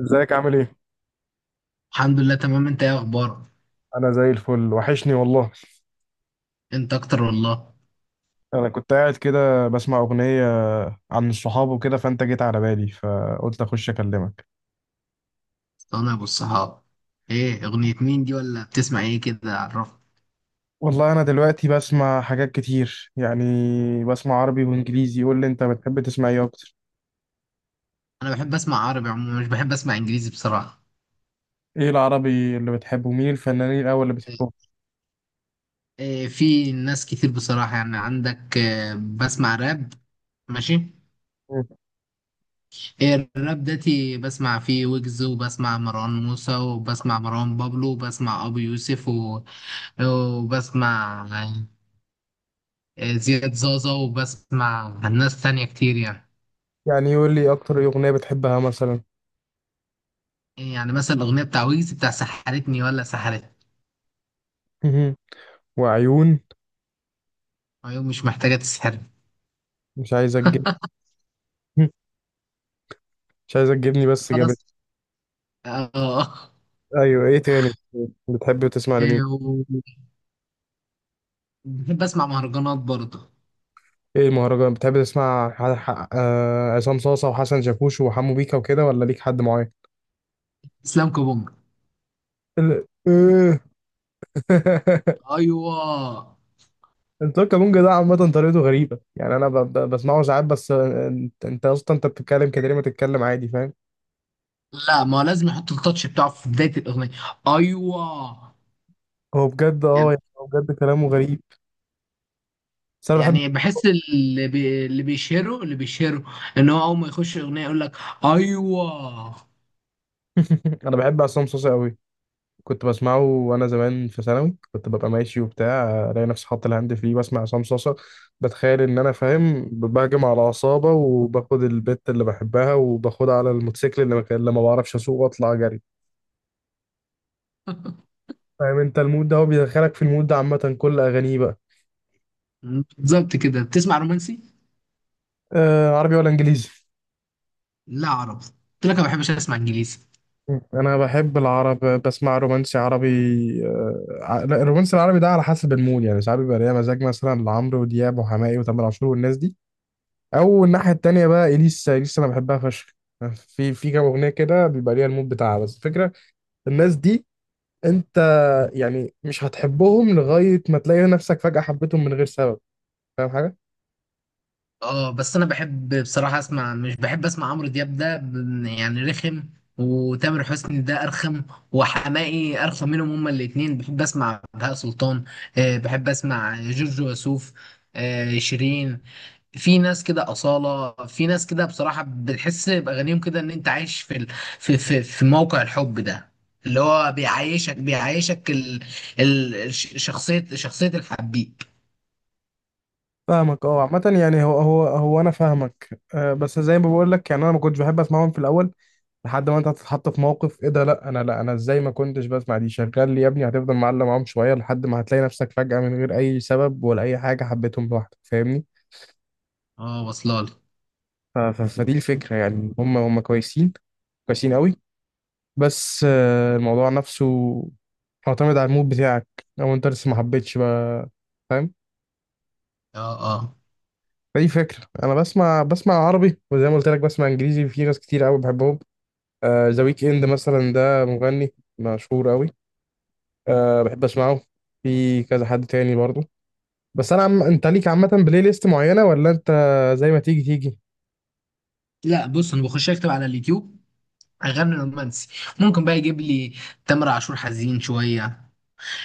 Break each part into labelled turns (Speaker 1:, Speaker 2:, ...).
Speaker 1: ازيك عامل ايه؟
Speaker 2: الحمد لله، تمام. انت ايه اخبارك؟
Speaker 1: انا زي الفل، وحشني والله.
Speaker 2: انت اكتر والله.
Speaker 1: انا كنت قاعد كده بسمع اغنية عن الصحاب وكده، فانت جيت على بالي فقلت اخش اكلمك.
Speaker 2: انا ابو الصحاب. ايه اغنية مين دي؟ ولا بتسمع ايه كده عرفت؟
Speaker 1: والله انا دلوقتي بسمع حاجات كتير، يعني بسمع عربي وانجليزي. قول لي انت بتحب تسمع ايه اكتر؟
Speaker 2: انا بحب اسمع عربي عموما، مش بحب اسمع انجليزي بصراحة.
Speaker 1: ايه العربي اللي بتحبه؟ مين الفنانين الاول اللي بتحبهم؟
Speaker 2: إيه، في ناس كتير بصراحة. يعني عندك إيه؟ بسمع راب. ماشي.
Speaker 1: مم.
Speaker 2: إيه الراب داتي، بسمع فيه ويجز وبسمع مروان موسى وبسمع مروان بابلو وبسمع ابو يوسف وبسمع إيه زياد زازا وبسمع ناس تانية كتير يعني.
Speaker 1: يعني قول لي، اكتر ايه اغنية بتحبها مثلا؟
Speaker 2: إيه يعني مثلا الأغنية بتاع ويجز بتاع سحرتني ولا سحرتني.
Speaker 1: مهم. وعيون
Speaker 2: عيون مش محتاجة تسحرني.
Speaker 1: مش عايزة تجيب. مش عايزة تجيبني، بس جابت.
Speaker 2: خلاص. آه.
Speaker 1: ايوه، ايه تاني بتحب تسمع لمين؟
Speaker 2: إيه و- بحب أسمع مهرجانات برضه.
Speaker 1: ايه مهرجان بتحب تسمع، عصام صاصة وحسن شاكوش وحمو بيكا وكده، ولا ليك حد معين؟
Speaker 2: إسلام كابونجا.
Speaker 1: إيه.
Speaker 2: أيوه.
Speaker 1: انطباق كابونجا ده عامة طريقته غريبة، يعني انا بسمعه ساعات بس. انت اصلا انت بتتكلم كده ليه، ما تتكلم عادي؟ فاهم؟
Speaker 2: لا، ما هو لازم يحط التاتش بتاعه في بداية الأغنية. أيوه.
Speaker 1: هو بجد،
Speaker 2: يعني
Speaker 1: يعني هو بجد كلامه غريب. بس انا بحب.
Speaker 2: يعني بحس اللي بيشهره إن هو أول ما يخش الأغنية يقول لك. أيوه.
Speaker 1: انا بحب عصام صاصة قوي. كنت بسمعه وانا زمان في ثانوي، كنت ببقى ماشي وبتاع الاقي نفسي حاطط الهاند فري بسمع عصام صاصا. بتخيل ان انا فاهم، بهجم على عصابه وباخد البت اللي بحبها وباخدها على الموتوسيكل اللي ما كان- اللي ما بعرفش اسوق، واطلع جري. فاهم انت المود ده؟ هو بيدخلك في المود ده، عامه كل اغانيه بقى.
Speaker 2: بالظبط كده. بتسمع رومانسي؟
Speaker 1: آه، عربي ولا انجليزي؟
Speaker 2: لا، عربي قلت لك، ما بحبش أسمع إنجليزي.
Speaker 1: انا بحب العرب، بسمع رومانسي عربي. لا، الرومانسي العربي ده على حسب المود، يعني ساعات بيبقى ليا مزاج مثلا لعمرو ودياب وحماقي وتامر عاشور والناس دي، او الناحيه التانيه بقى اليسا. انا بحبها فشخ. في كام اغنيه كده بيبقى ليها المود بتاعها، بس الفكره الناس دي، انت يعني مش هتحبهم لغايه ما تلاقي نفسك فجاه حبيتهم من غير سبب. فاهم حاجه؟
Speaker 2: اه بس انا بحب بصراحه اسمع، مش بحب اسمع عمرو دياب ده يعني رخم، وتامر حسني ده ارخم، وحماقي ارخم منهم. هما الاتنين. بحب اسمع بهاء سلطان. بحب اسمع جورج وسوف. شيرين. في ناس كده أصالة، في ناس كده بصراحة بتحس بأغانيهم كده إن أنت عايش في في موقع الحب ده، اللي هو بيعيشك شخصية الحبيب.
Speaker 1: فاهمك اه، عامه يعني هو انا فاهمك. أه بس زي ما بقول لك، يعني انا ما كنتش بحب اسمعهم في الاول لحد ما انت هتتحط في موقف، ايه ده، لا انا ازاي ما كنتش بسمع دي، شغال لي يا ابني، هتفضل معلم معاهم شويه لحد ما هتلاقي نفسك فجاه من غير اي سبب ولا اي حاجه حبيتهم لوحدك. فاهمني؟
Speaker 2: اه، واصلة لي.
Speaker 1: فدي الفكرة، يعني هم كويسين، كويسين قوي. بس، الموضوع نفسه معتمد على المود بتاعك، لو انت لسه ما حبيتش بقى. فاهم؟
Speaker 2: اه اه.
Speaker 1: فدي فكرة. انا بسمع عربي، وزي ما قلت لك بسمع انجليزي. في ناس كتير قوي بحبهم. ذا ويك اند مثلا ده مغني مشهور قوي، آه بحب اسمعه. في كذا حد تاني برضه. بس انا انت ليك عامة بلاي ليست معينة، ولا انت زي ما تيجي تيجي؟
Speaker 2: لا بص، انا بخش اكتب على اليوتيوب اغاني رومانسي، ممكن بقى يجيب لي تامر عاشور حزين شويه.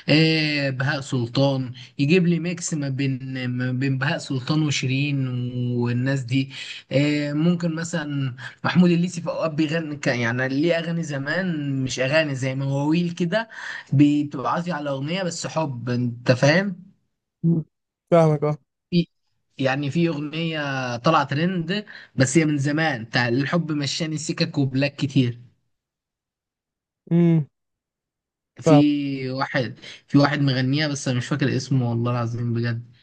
Speaker 2: إيه بهاء سلطان، يجيب لي ميكس ما بين بهاء سلطان وشيرين والناس دي. إيه ممكن مثلا محمود الليثي في اوقات بيغني يعني ليه اغاني زمان، مش اغاني، زي مواويل كده، بتبقى عازي على اغنيه بس حب. انت فاهم؟
Speaker 1: مم. فاهمك اه.
Speaker 2: في- يعني في اغنيه طلعت ترند بس هي من زمان، بتاع الحب مشاني سكك وبلاك كتير.
Speaker 1: امم.
Speaker 2: في واحد في واحد مغنيها بس انا مش فاكر اسمه والله العظيم بجد.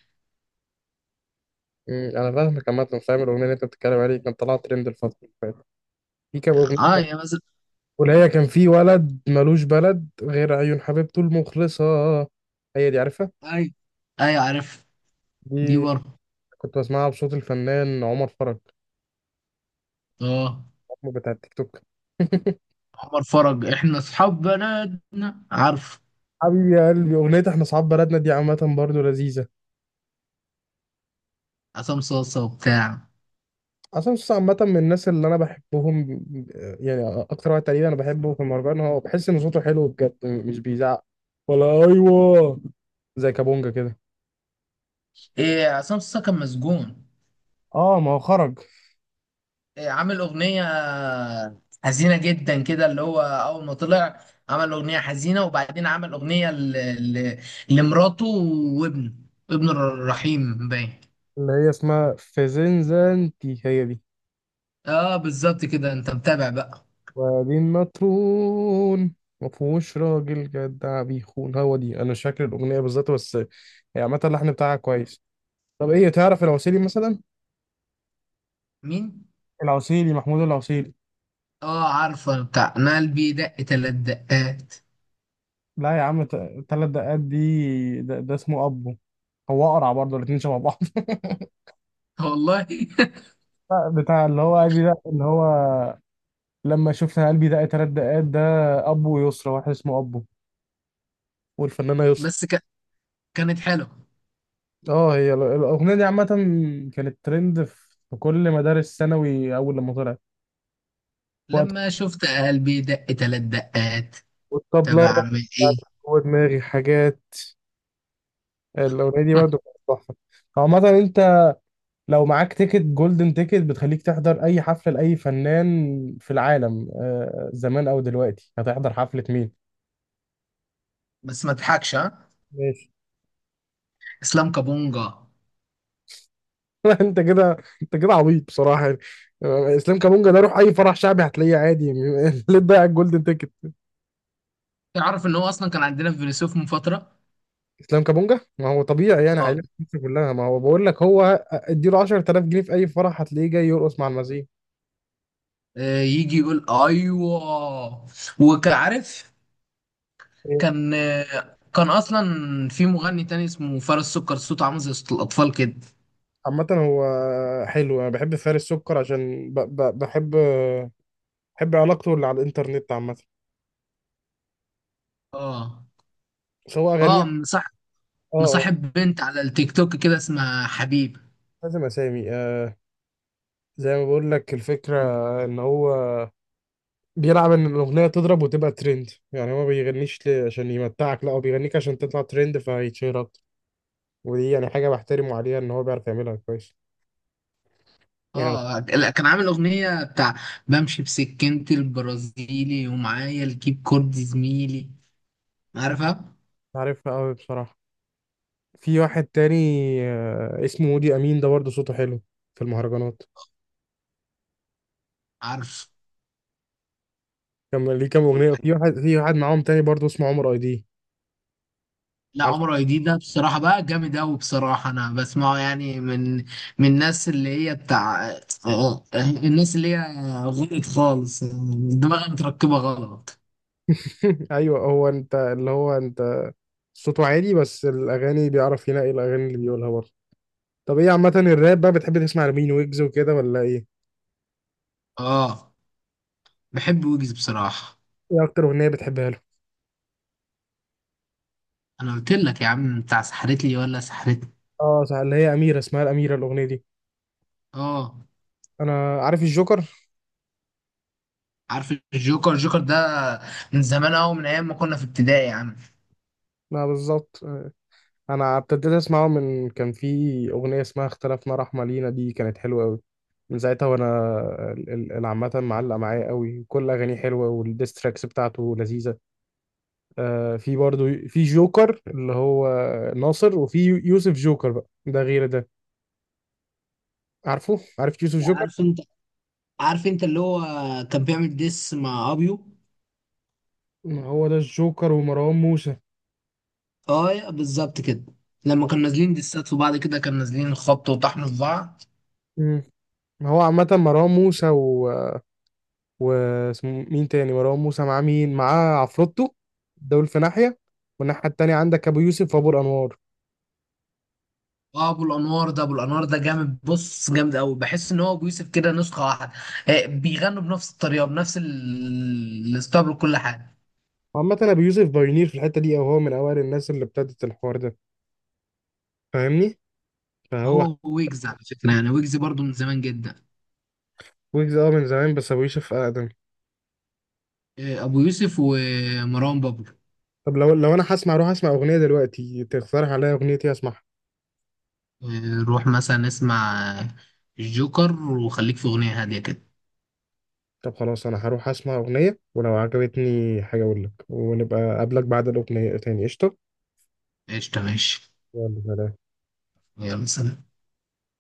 Speaker 1: انا فاهمك، عامه فاهم الاغنيه اللي انت بتتكلم عليها، كانت طالعه ترند الفتره اللي فاتت. في كام اغنيه،
Speaker 2: اه، يا مثلا.
Speaker 1: واللي هي كان في ولد ملوش بلد غير عيون حبيبته المخلصه، هي دي عارفها؟
Speaker 2: ايوه ايوه، عارف. دي
Speaker 1: دي
Speaker 2: برضه.
Speaker 1: كنت بسمعها بصوت الفنان عمر فرج،
Speaker 2: اه.
Speaker 1: عمر بتاع التيك توك.
Speaker 2: عمر فرج احنا اصحاب بلدنا، عارف.
Speaker 1: حبيبي يا قلبي، اغنيه احنا اصحاب بلدنا دي عامه برضو لذيذه.
Speaker 2: عصام صاصا وبتاع.
Speaker 1: عصام صاصا عامه من الناس اللي انا بحبهم، يعني اكتر واحد تقريبا انا بحبه في المهرجان، هو بحس ان صوته حلو بجد مش بيزعق، ولا ايوه؟ زي كابونجا كده.
Speaker 2: إيه عصام صاصا كان مسجون.
Speaker 1: اه، ما هو خرج.
Speaker 2: إيه، عامل اغنيه حزينه جدا كده، اللي هو اول ما طلع عمل اغنيه حزينه، وبعدين عمل اغنيه ل... لمراته وابنه، ابن الرحيم باين.
Speaker 1: اللي هي اسمها فازنزانتي، هي دي.
Speaker 2: اه بالظبط كده، انت متابع بقى.
Speaker 1: وبعدين مطرون، مفهوش راجل جدع بيخون، هو دي انا مش فاكر الاغنيه بالظبط، بس هي عامه اللحن بتاعها كويس. طب ايه، تعرف العسيلي مثلا؟
Speaker 2: مين؟
Speaker 1: العسيلي، محمود العسيلي.
Speaker 2: اه عارفه، بتاع انا قلبي دق تلات دقات.
Speaker 1: لا يا عم، تلات دقات دي، ده اسمه ابو. هو اقرع برضه، الاتنين شبه بعض.
Speaker 2: والله.
Speaker 1: لا، بتاع اللي هو قلبي، ده اللي هو لما شفت قلبي دق تلات دقات ده، ابو يسرا، واحد اسمه ابو والفنانه يسرا.
Speaker 2: بس ك... كانت حلوه.
Speaker 1: اه، هي الاغنيه دي عامه كانت ترند في كل مدارس ثانوي اول لما طلعت، وقت
Speaker 2: لما شفت قلبي دق تلات دقات طب
Speaker 1: والطبله دخلت
Speaker 2: اعمل ايه.
Speaker 1: جوه دماغي حاجات، الاغنيه دي برضه كانت تحفه. عامه، انت لو معاك تيكت جولدن تيكت بتخليك تحضر اي حفله لاي فنان في العالم، زمان او دلوقتي، هتحضر حفله مين؟
Speaker 2: بس ما تضحكش ها.
Speaker 1: ماشي.
Speaker 2: اسلام كابونجا.
Speaker 1: انت كده انت كده عبيط بصراحه، يعني. اسلام كابونجا ده، روح اي فرح شعبي هتلاقيه عادي. ليه تضيع الجولدن تيكت؟
Speaker 2: تعرف ان هو اصلا كان عندنا في فيلسوف من فتره.
Speaker 1: اسلام كابونجا ما هو طبيعي، يعني
Speaker 2: اه.
Speaker 1: عائلته في مصر كلها. ما هو بقول لك هو، اديله 10,000 جنيه في اي فرح هتلاقيه جاي يرقص مع المزيكا.
Speaker 2: يجي يقول ايوه. وكعارف.
Speaker 1: إيه.
Speaker 2: كان كان اصلا في مغني تاني اسمه فارس سكر، صوته عامل زي صوت الاطفال كده.
Speaker 1: عامة هو حلو. انا بحب فارس سكر عشان بحب، بحب علاقته اللي على الانترنت عامة.
Speaker 2: اه.
Speaker 1: بس هو اغانيه، يعني،
Speaker 2: اه صح.
Speaker 1: اه آه،
Speaker 2: مصاحب بنت على التيك توك كده اسمها حبيب.
Speaker 1: لازم اسامي. زي ما بقول لك الفكرة، ان هو بيلعب ان الاغنية تضرب وتبقى ترند، يعني هو ما بيغنيش عشان يمتعك، لا هو بيغنيك عشان تطلع ترند فيتشهر اكتر. ودي يعني حاجة بحترمه عليها، ان هو بيعرف يعملها كويس، يعني.
Speaker 2: اه. لا، كان عامل اغنية بتاع بمشي بسكينتي البرازيلي ومعايا الكيب كورد زميلي. عارفها؟
Speaker 1: عارفها قوي بصراحة. في واحد تاني، اسمه ودي أمين، ده برضه صوته حلو في المهرجانات.
Speaker 2: عارف.
Speaker 1: كان ليه كام أغنية. في واحد معاهم تاني برضه اسمه عمر أي دي.
Speaker 2: لا
Speaker 1: عارف.
Speaker 2: عمر اي دي ده بصراحة بقى جامد أوي بصراحة. أنا بسمعه يعني من من الناس اللي هي بتاع الناس اللي هي غلط خالص، دماغها متركبة غلط.
Speaker 1: أيوه، هو أنت، اللي هو أنت صوته عالي، بس الأغاني بيعرف ينقي الأغاني اللي بيقولها برضه. طب إيه، عامة الراب بقى بتحب تسمع لمين، ويجز وكده ولا إيه؟
Speaker 2: اه بحب ويجز بصراحة.
Speaker 1: إيه أكتر أغنية بتحبها له؟
Speaker 2: أنا قلت لك يا عم بتاع سحرتلي ولا سحرتني.
Speaker 1: آه صح، اللي هي أميرة، اسمها الأميرة، الأغنية دي.
Speaker 2: اه
Speaker 1: أنا عارف الجوكر؟
Speaker 2: عارف الجوكر. الجوكر ده من زمان قوي، من ايام ما كنا في ابتدائي يا عم.
Speaker 1: لا، بالظبط. انا ابتديت اسمعه من كان في اغنيه اسمها اختلفنا رحمه لينا، دي كانت حلوه قوي. من ساعتها وانا عامه معلق معايا قوي، كل اغانيه حلوه والديستراكس بتاعته لذيذه. آه، في برضو في جوكر اللي هو ناصر، وفي يوسف جوكر بقى، ده غير ده. عارف يوسف
Speaker 2: لا
Speaker 1: جوكر؟
Speaker 2: عارف انت، عارف انت اللي هو كان بيعمل ديس مع ابيو.
Speaker 1: هو ده الجوكر، ومروان موسى.
Speaker 2: اه بالظبط كده. لما كانوا نازلين ديسات في بعض كده، كانوا نازلين خبط وطحن في بعض.
Speaker 1: مم. هو عامة مروان موسى، واسمه مين تاني، مروان موسى معاه مين، عفروتو. دول في ناحية، والناحية التانية عندك أبو يوسف وأبو الأنوار.
Speaker 2: اه ابو الانوار ده، ابو الانوار ده جامد بص، جامد قوي. بحس ان هو ابو يوسف كده نسخه واحده. آه بيغنوا بنفس الطريقه بنفس الستايل وكل حاجه.
Speaker 1: عامة أبو يوسف بايونير في الحتة دي، أو هو من أوائل الناس اللي ابتدت الحوار ده، فاهمني؟ فهو،
Speaker 2: هو ويجز على فكره يعني، ويجز برضو من زمان جدا.
Speaker 1: ويجز من زمان، بس أبو يوسف أقدم.
Speaker 2: آه ابو يوسف ومروان بابلو.
Speaker 1: طب لو أنا هسمع، أروح أسمع أغنية دلوقتي، تقترح عليا أغنية إيه أسمعها؟
Speaker 2: روح مثلا اسمع الجوكر، وخليك في أغنية هادية كده.
Speaker 1: طب خلاص، أنا هروح أسمع أغنية، ولو عجبتني حاجة أقول لك ونبقى أقابلك بعد الأغنية تاني. قشطة.
Speaker 2: قشطة ماشي.
Speaker 1: يلا، سلام.
Speaker 2: يلا سلام.